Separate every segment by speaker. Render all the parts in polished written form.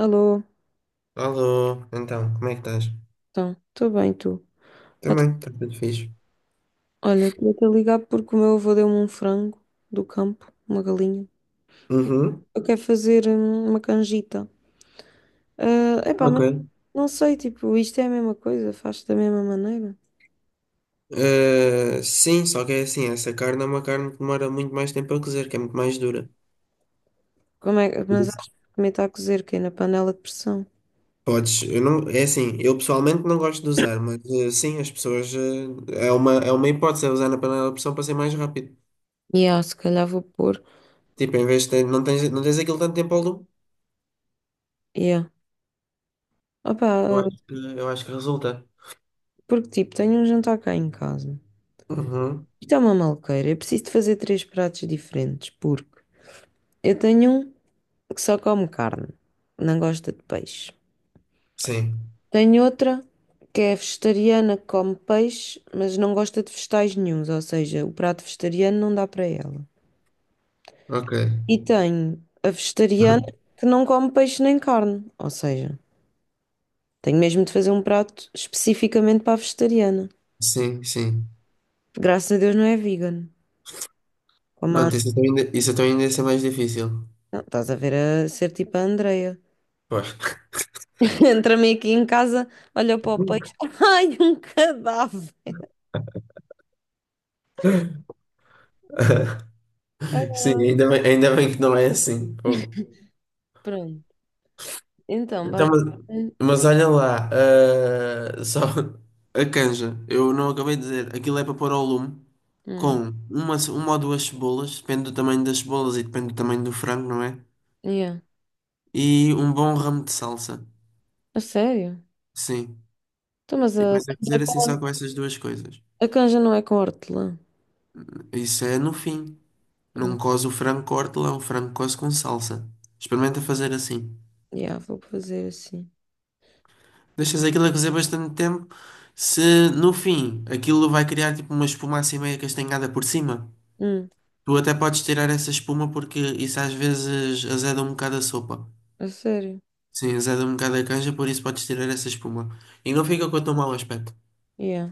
Speaker 1: Alô,
Speaker 2: Alô, então, como é que estás?
Speaker 1: então, estou bem, tu? Pá,
Speaker 2: Também, está tudo fixe.
Speaker 1: olha, estou a ligar porque o meu avô deu-me um frango do campo, uma galinha.
Speaker 2: Uhum,
Speaker 1: Eu quero fazer uma canjita. Epá, mas
Speaker 2: ok.
Speaker 1: não sei, tipo, isto é a mesma coisa, faz da mesma maneira.
Speaker 2: Sim, só que é assim, essa carne é uma carne que demora muito mais tempo a cozer, que é muito mais dura.
Speaker 1: Como é, mas
Speaker 2: Isso.
Speaker 1: acho que também está a cozer, que é na panela de pressão.
Speaker 2: Podes, eu não, é assim, eu pessoalmente não gosto de usar, mas sim, as pessoas, é uma hipótese, é usar na panela de pressão para ser mais rápido.
Speaker 1: E se calhar vou pôr.
Speaker 2: Tipo, em vez de ter, não tens aquilo tanto tempo ao lume.
Speaker 1: Yeah. Opá,
Speaker 2: Eu acho que, eu acho que resulta.
Speaker 1: porque tipo, tenho um jantar cá em casa.
Speaker 2: Uhum,
Speaker 1: Isto é uma malqueira, eu preciso de fazer três pratos diferentes, porque eu tenho um. Que só come carne, não gosta de peixe.
Speaker 2: sim,
Speaker 1: Tem outra que é vegetariana, que come peixe, mas não gosta de vegetais nenhuns, ou seja, o prato vegetariano não dá para ela.
Speaker 2: ok.
Speaker 1: E tenho a vegetariana que não come peixe nem carne, ou seja, tenho mesmo de fazer um prato especificamente para a vegetariana.
Speaker 2: Sim, sim.
Speaker 1: Graças a Deus não é vegan. Como a...
Speaker 2: Pronto, isso então ainda ia ser mais difícil.
Speaker 1: Não, estás a ver, a ser tipo a Andreia.
Speaker 2: Pois.
Speaker 1: Entra-me aqui em casa, olha para o peixe, ai, um cadáver.
Speaker 2: Sim, ainda bem que não é assim. Pô.
Speaker 1: Pronto, então,
Speaker 2: Então, mas,
Speaker 1: basicamente.
Speaker 2: mas olha lá, só a canja, eu não acabei de dizer, aquilo é para pôr ao lume
Speaker 1: Hum,
Speaker 2: com uma ou duas cebolas, depende do tamanho das cebolas e depende do tamanho do frango, não é?
Speaker 1: yeah.
Speaker 2: E um bom ramo de salsa,
Speaker 1: A sério?
Speaker 2: sim.
Speaker 1: Então, mas
Speaker 2: E depois a cozer assim só com essas duas coisas.
Speaker 1: a canja não é com hortelã.
Speaker 2: Isso é no fim.
Speaker 1: Hum,
Speaker 2: Não coze o frango com hortelã, o frango coze com salsa. Experimenta fazer assim.
Speaker 1: yeah, vou fazer assim.
Speaker 2: Deixas aquilo a cozer bastante tempo, se no fim aquilo vai criar tipo uma espuma assim meio castanhada por cima,
Speaker 1: Hum,
Speaker 2: tu até podes tirar essa espuma porque isso às vezes azeda um bocado a sopa.
Speaker 1: a sério?
Speaker 2: Sim, azeda um bocado a canja, por isso podes tirar essa espuma. E não fica com tão mau aspecto.
Speaker 1: Yeah.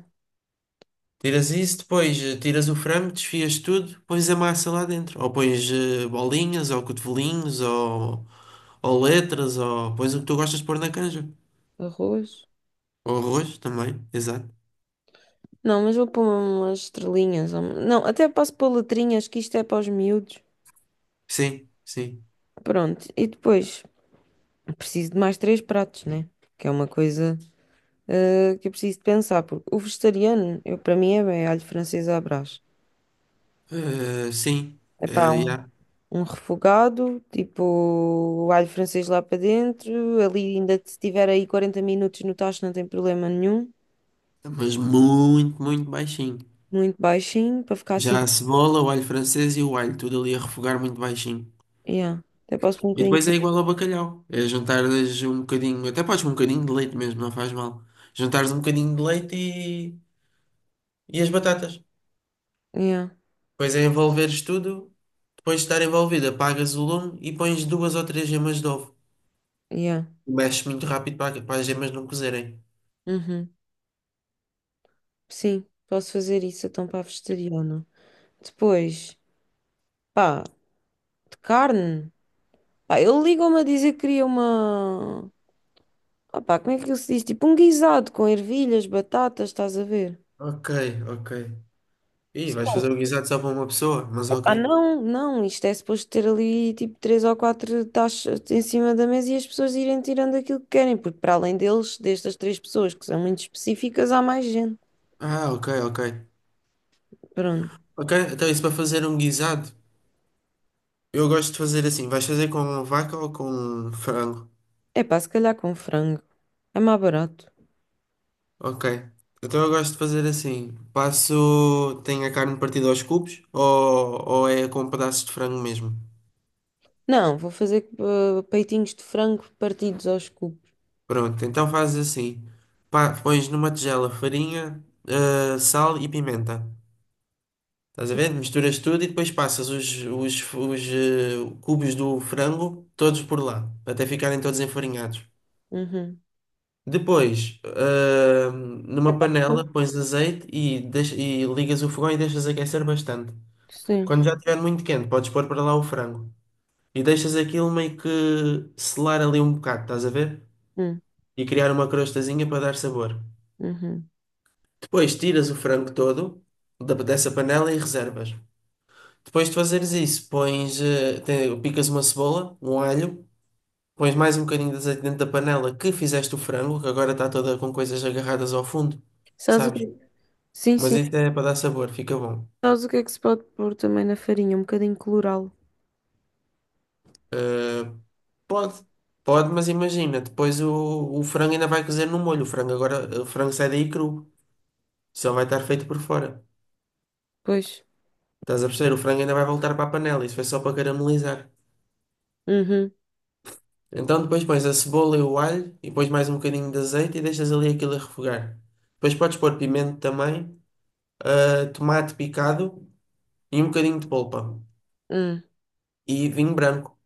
Speaker 2: Tiras isso, depois tiras o frango, desfias tudo, pões a massa lá dentro. Ou pões bolinhas, ou cotovelinhos, ou letras, ou pões o que tu gostas de pôr na canja.
Speaker 1: Arroz?
Speaker 2: Ou arroz também, exato.
Speaker 1: Não, mas vou pôr umas estrelinhas. Não, até posso pôr letrinhas, que isto é para os miúdos.
Speaker 2: Sim, sim.
Speaker 1: Pronto, e depois preciso de mais três pratos, né? Que é uma coisa que eu preciso de pensar, porque o vegetariano, eu, para mim, é bem alho francês à brás.
Speaker 2: Eh, sim,
Speaker 1: Epá,
Speaker 2: yeah.
Speaker 1: um refogado, tipo alho francês lá para dentro. Ali, ainda se tiver aí 40 minutos no tacho, não tem problema nenhum.
Speaker 2: Mas muito, muito baixinho.
Speaker 1: Muito baixinho, para ficar assim.
Speaker 2: Já a cebola, o alho francês e o alho, tudo ali a refogar muito baixinho.
Speaker 1: Yeah. Até posso pôr um
Speaker 2: E
Speaker 1: bocadinho.
Speaker 2: depois é igual ao bacalhau. É jantares um bocadinho, até podes um bocadinho de leite mesmo, não faz mal. Jantares um bocadinho de leite e as batatas.
Speaker 1: Yeah,
Speaker 2: Depois é envolveres tudo, depois de estar envolvido, apagas o lume e pões duas ou três gemas de ovo.
Speaker 1: yeah.
Speaker 2: Mexes muito rápido para as gemas não cozerem.
Speaker 1: Uhum. Sim, posso fazer isso então para a vegetariana. Depois, pá, de carne. Pá, ele ligou-me a dizer que queria uma. Ah, pá, como é que ele se diz? Tipo um guisado com ervilhas, batatas, estás a ver?
Speaker 2: Ok, ok. Ih, vais fazer o guisado só para uma pessoa, mas
Speaker 1: Ah,
Speaker 2: ok.
Speaker 1: não, não, isto é suposto ter ali tipo três ou quatro taxas em cima da mesa e as pessoas irem tirando aquilo que querem, porque para além deles, destas três pessoas que são muito específicas, há mais gente.
Speaker 2: Ah, ok, ok.
Speaker 1: Pronto.
Speaker 2: Ok, então isso para fazer um guisado. Eu gosto de fazer assim. Vais fazer com vaca ou com frango?
Speaker 1: É pá, se calhar com frango. É mais barato.
Speaker 2: Ok. Então eu gosto de fazer assim. Passo. Tenho a carne partida aos cubos ou é com pedaços de frango mesmo?
Speaker 1: Não, vou fazer peitinhos de frango partidos aos cubos.
Speaker 2: Pronto, então fazes assim. Pá, pões numa tigela farinha, sal e pimenta. Estás a ver? Misturas tudo e depois passas os, cubos do frango todos por lá, até ficarem todos enfarinhados.
Speaker 1: Uhum.
Speaker 2: Depois, numa panela, pões azeite e, e ligas o fogão e deixas aquecer bastante.
Speaker 1: Sim.
Speaker 2: Quando já estiver muito quente, podes pôr para lá o frango. E deixas aquilo meio que selar ali um bocado, estás a ver?
Speaker 1: Hum,
Speaker 2: E criar uma crostazinha para dar sabor.
Speaker 1: uhum.
Speaker 2: Depois tiras o frango todo dessa panela e reservas. Depois de fazeres isso, pões, picas uma cebola, um alho, pões mais um bocadinho de azeite dentro da panela que fizeste o frango, que agora está toda com coisas agarradas ao fundo,
Speaker 1: Sabes o
Speaker 2: sabes?
Speaker 1: que... Sim,
Speaker 2: Mas
Speaker 1: sim.
Speaker 2: isso é para dar sabor, fica bom.
Speaker 1: Sabes o que é que se pode pôr também na farinha? Um bocadinho colorau.
Speaker 2: Ah, pode, pode, mas imagina, o frango ainda vai cozer no molho. O frango sai daí cru, só vai estar feito por fora.
Speaker 1: Pois.
Speaker 2: Estás a perceber? O frango ainda vai voltar para a panela, isso foi só para caramelizar.
Speaker 1: Uhum.
Speaker 2: Então depois pões a cebola e o alho, e pões mais um bocadinho de azeite e deixas ali aquilo a refogar. Depois podes pôr pimento também, tomate picado e um bocadinho de polpa.
Speaker 1: Hum,
Speaker 2: E vinho branco.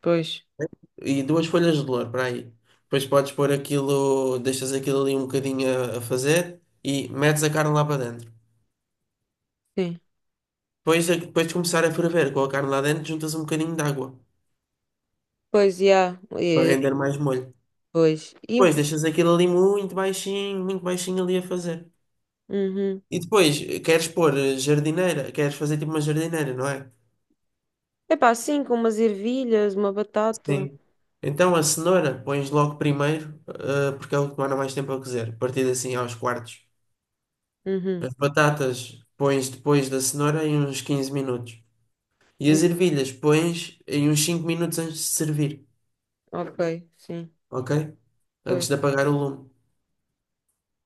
Speaker 1: pois.
Speaker 2: E duas folhas de louro para aí. Depois podes pôr aquilo, deixas aquilo ali um bocadinho a fazer e metes a carne lá para dentro.
Speaker 1: Sim.
Speaker 2: Depois, depois de começar a ferver com a carne lá dentro, juntas um bocadinho de água
Speaker 1: Pois, já.
Speaker 2: para
Speaker 1: É,
Speaker 2: render mais molho.
Speaker 1: pois.
Speaker 2: Depois deixas aquilo ali muito baixinho ali a fazer.
Speaker 1: Uhum.
Speaker 2: E depois queres pôr jardineira, queres fazer tipo uma jardineira, não é?
Speaker 1: Epá, sim, com umas ervilhas, uma batata.
Speaker 2: Sim. Então a cenoura pões logo primeiro, porque é o que demora mais tempo a cozer. Partido assim aos quartos.
Speaker 1: Uhum.
Speaker 2: As batatas pões depois da cenoura em uns 15 minutos. E
Speaker 1: Hum,
Speaker 2: as ervilhas pões em uns 5 minutos antes de servir,
Speaker 1: ok, sim.
Speaker 2: ok?
Speaker 1: Pois,
Speaker 2: Antes de apagar o lume.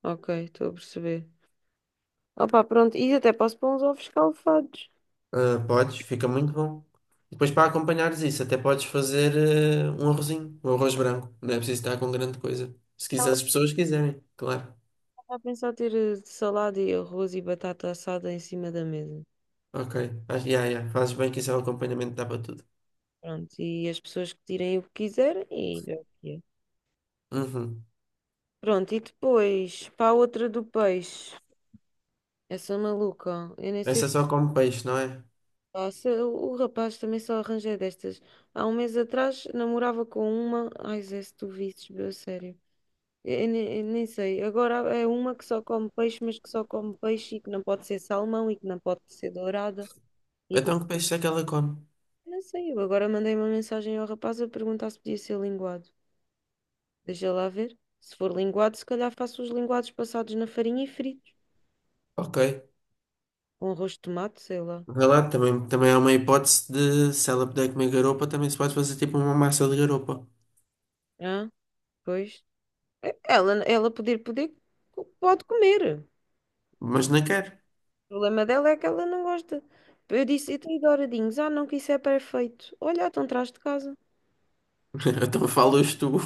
Speaker 1: ok, estou a perceber. Opa, pronto. E até posso pôr uns ovos escalfados.
Speaker 2: Ah, podes, fica muito bom. Depois para acompanhares isso, até podes fazer um arrozinho, um arroz branco. Não é preciso estar com grande coisa. Se quiser,
Speaker 1: Estava
Speaker 2: as pessoas quiserem, claro.
Speaker 1: a pensar ter salada e arroz e batata assada em cima da mesa.
Speaker 2: Ok, yeah, yeah. Fazes bem que isso é o acompanhamento, dá para tudo.
Speaker 1: Pronto, e as pessoas que tirem o que quiserem e... é o que é.
Speaker 2: Uhum.
Speaker 1: Pronto, e depois, para a outra do peixe. Essa maluca, eu nem sei.
Speaker 2: Essa é só come peixe, não é?
Speaker 1: Nossa, o rapaz também só arranjei destas. Há um mês atrás namorava com uma. Ai, Zé, se tu visses, meu, a sério. Eu nem sei. Agora é uma que só come peixe, mas que só come peixe e que não pode ser salmão e que não pode ser dourada. E que
Speaker 2: Então que peixe é que ela come?
Speaker 1: não sei. Eu agora mandei uma mensagem ao rapaz a perguntar se podia ser linguado. Deixa lá ver. Se for linguado, se calhar faço os linguados passados na farinha e fritos.
Speaker 2: Ok.
Speaker 1: Com arroz de tomate, sei lá.
Speaker 2: Vai lá, também, também é uma hipótese de se ela puder comer garopa, também se pode fazer tipo uma massa de garopa.
Speaker 1: Ah, pois. Ela, ela poder, poder, pode comer.
Speaker 2: Mas não quero
Speaker 1: O problema dela é que ela não gosta. Eu disse, e tem douradinhos? Ah, não, que isso é perfeito. Olha, então traz de casa.
Speaker 2: então falas tu.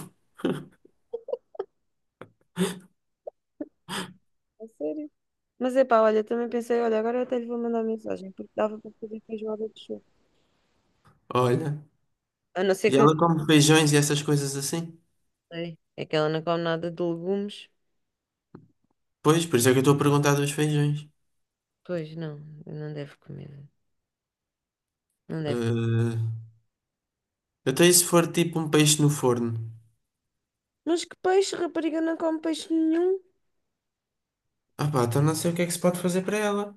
Speaker 1: A sério? Mas é pá, olha, também pensei, olha, agora eu até lhe vou mandar mensagem, porque dava para fazer feijoada de chuva.
Speaker 2: Olha.
Speaker 1: A não ser
Speaker 2: E
Speaker 1: que eu
Speaker 2: ela come feijões e essas coisas assim?
Speaker 1: não sei. É que ela não come nada de legumes.
Speaker 2: Pois, por isso é que eu estou a perguntar dos feijões.
Speaker 1: Pois não, não deve comer. Não deve.
Speaker 2: Eh, até e se for tipo um peixe no forno?
Speaker 1: Mas que peixe, rapariga, não come peixe nenhum.
Speaker 2: Ah pá, então não sei o que é que se pode fazer para ela.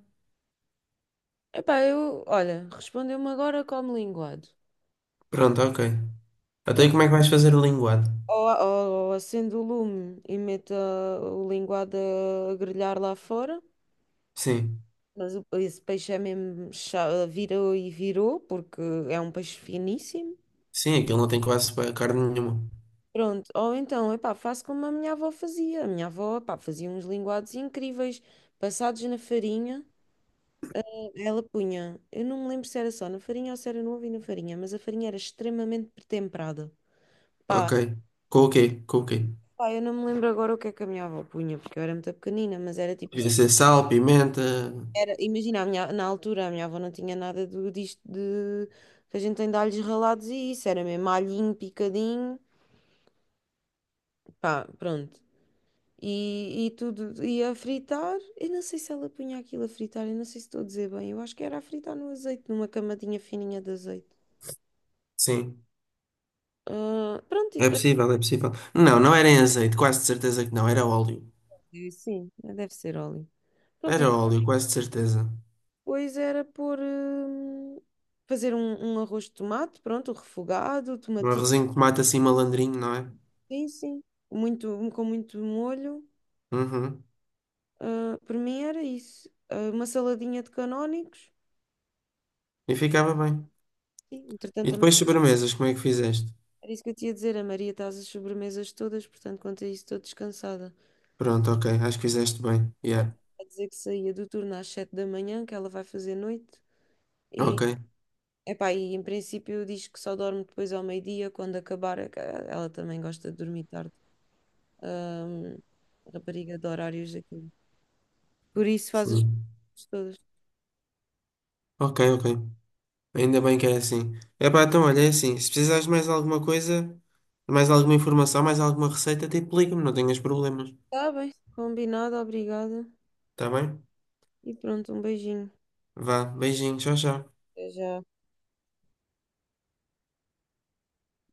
Speaker 1: Epá, eu, olha, respondeu-me agora como linguado.
Speaker 2: Pronto, ok. Até
Speaker 1: Eu,
Speaker 2: e como é que vais fazer o linguado?
Speaker 1: ou acendo o lume e meto o linguado a grelhar lá fora.
Speaker 2: Sim.
Speaker 1: Mas esse peixe é mesmo, virou e virou, porque é um peixe finíssimo.
Speaker 2: Sim, aquilo não tem quase carne nenhuma.
Speaker 1: Pronto, ou então, epá, faço como a minha avó fazia. A minha avó, epá, fazia uns linguados incríveis, passados na farinha. Ela punha, eu não me lembro se era só na farinha ou se era no ovo e na farinha, mas a farinha era extremamente temperada. Pá,
Speaker 2: Ok. Com o quê? Com o quê?
Speaker 1: pá, eu não me lembro agora o que é que a minha avó punha, porque eu era muito pequenina, mas era tipo...
Speaker 2: Devia ser sal, pimenta.
Speaker 1: Era, imagina, na altura a minha avó não tinha nada do, disto de que a gente tem de alhos ralados e isso, era mesmo alhinho picadinho, pá, pronto. E tudo ia a fritar. Eu não sei se ela punha aquilo a fritar, eu não sei se estou a dizer bem. Eu acho que era a fritar no azeite, numa camadinha fininha de azeite.
Speaker 2: Sim.
Speaker 1: Ah, pronto, e
Speaker 2: É
Speaker 1: depois.
Speaker 2: possível, é possível. Não, não era em azeite, quase de certeza que não, era óleo.
Speaker 1: Sim, deve ser óleo. Pronto, e
Speaker 2: Era óleo, quase de certeza.
Speaker 1: depois era pôr. Fazer um, arroz de tomate, pronto, refogado,
Speaker 2: Um
Speaker 1: tomatinho,
Speaker 2: arrozinho de tomate assim malandrinho, não é?
Speaker 1: sim, sim. Muito, com muito molho.
Speaker 2: Uhum.
Speaker 1: Ah, por mim era isso. Ah, uma saladinha de canónicos.
Speaker 2: E ficava bem.
Speaker 1: Sim, entretanto,
Speaker 2: E
Speaker 1: também
Speaker 2: depois sobremesas, como é que fizeste?
Speaker 1: era isso que eu tinha a dizer. A Maria está às sobremesas todas, portanto, quanto a isso, estou descansada.
Speaker 2: Pronto, ok, acho que fizeste bem. Yeah.
Speaker 1: A dizer que saía do turno às 7 da manhã, que ela vai fazer noite. E,
Speaker 2: Ok.
Speaker 1: epá, e em princípio diz que só dorme depois ao meio-dia, quando acabar. É que ela também gosta de dormir tarde. Ahm, rapariga de horários, aquilo. Por isso faz as
Speaker 2: Sim.
Speaker 1: coisas todas.
Speaker 2: Ok, ok. Ainda bem que é assim. Epá, então olha, é assim, se precisares de mais alguma coisa, mais alguma informação, mais alguma receita, tipo, liga-me, não tenhas problemas.
Speaker 1: Está bem, combinado, obrigada.
Speaker 2: Tá bem?
Speaker 1: E pronto, um beijinho.
Speaker 2: Vá, beijinho, tchau, tchau.
Speaker 1: Até já.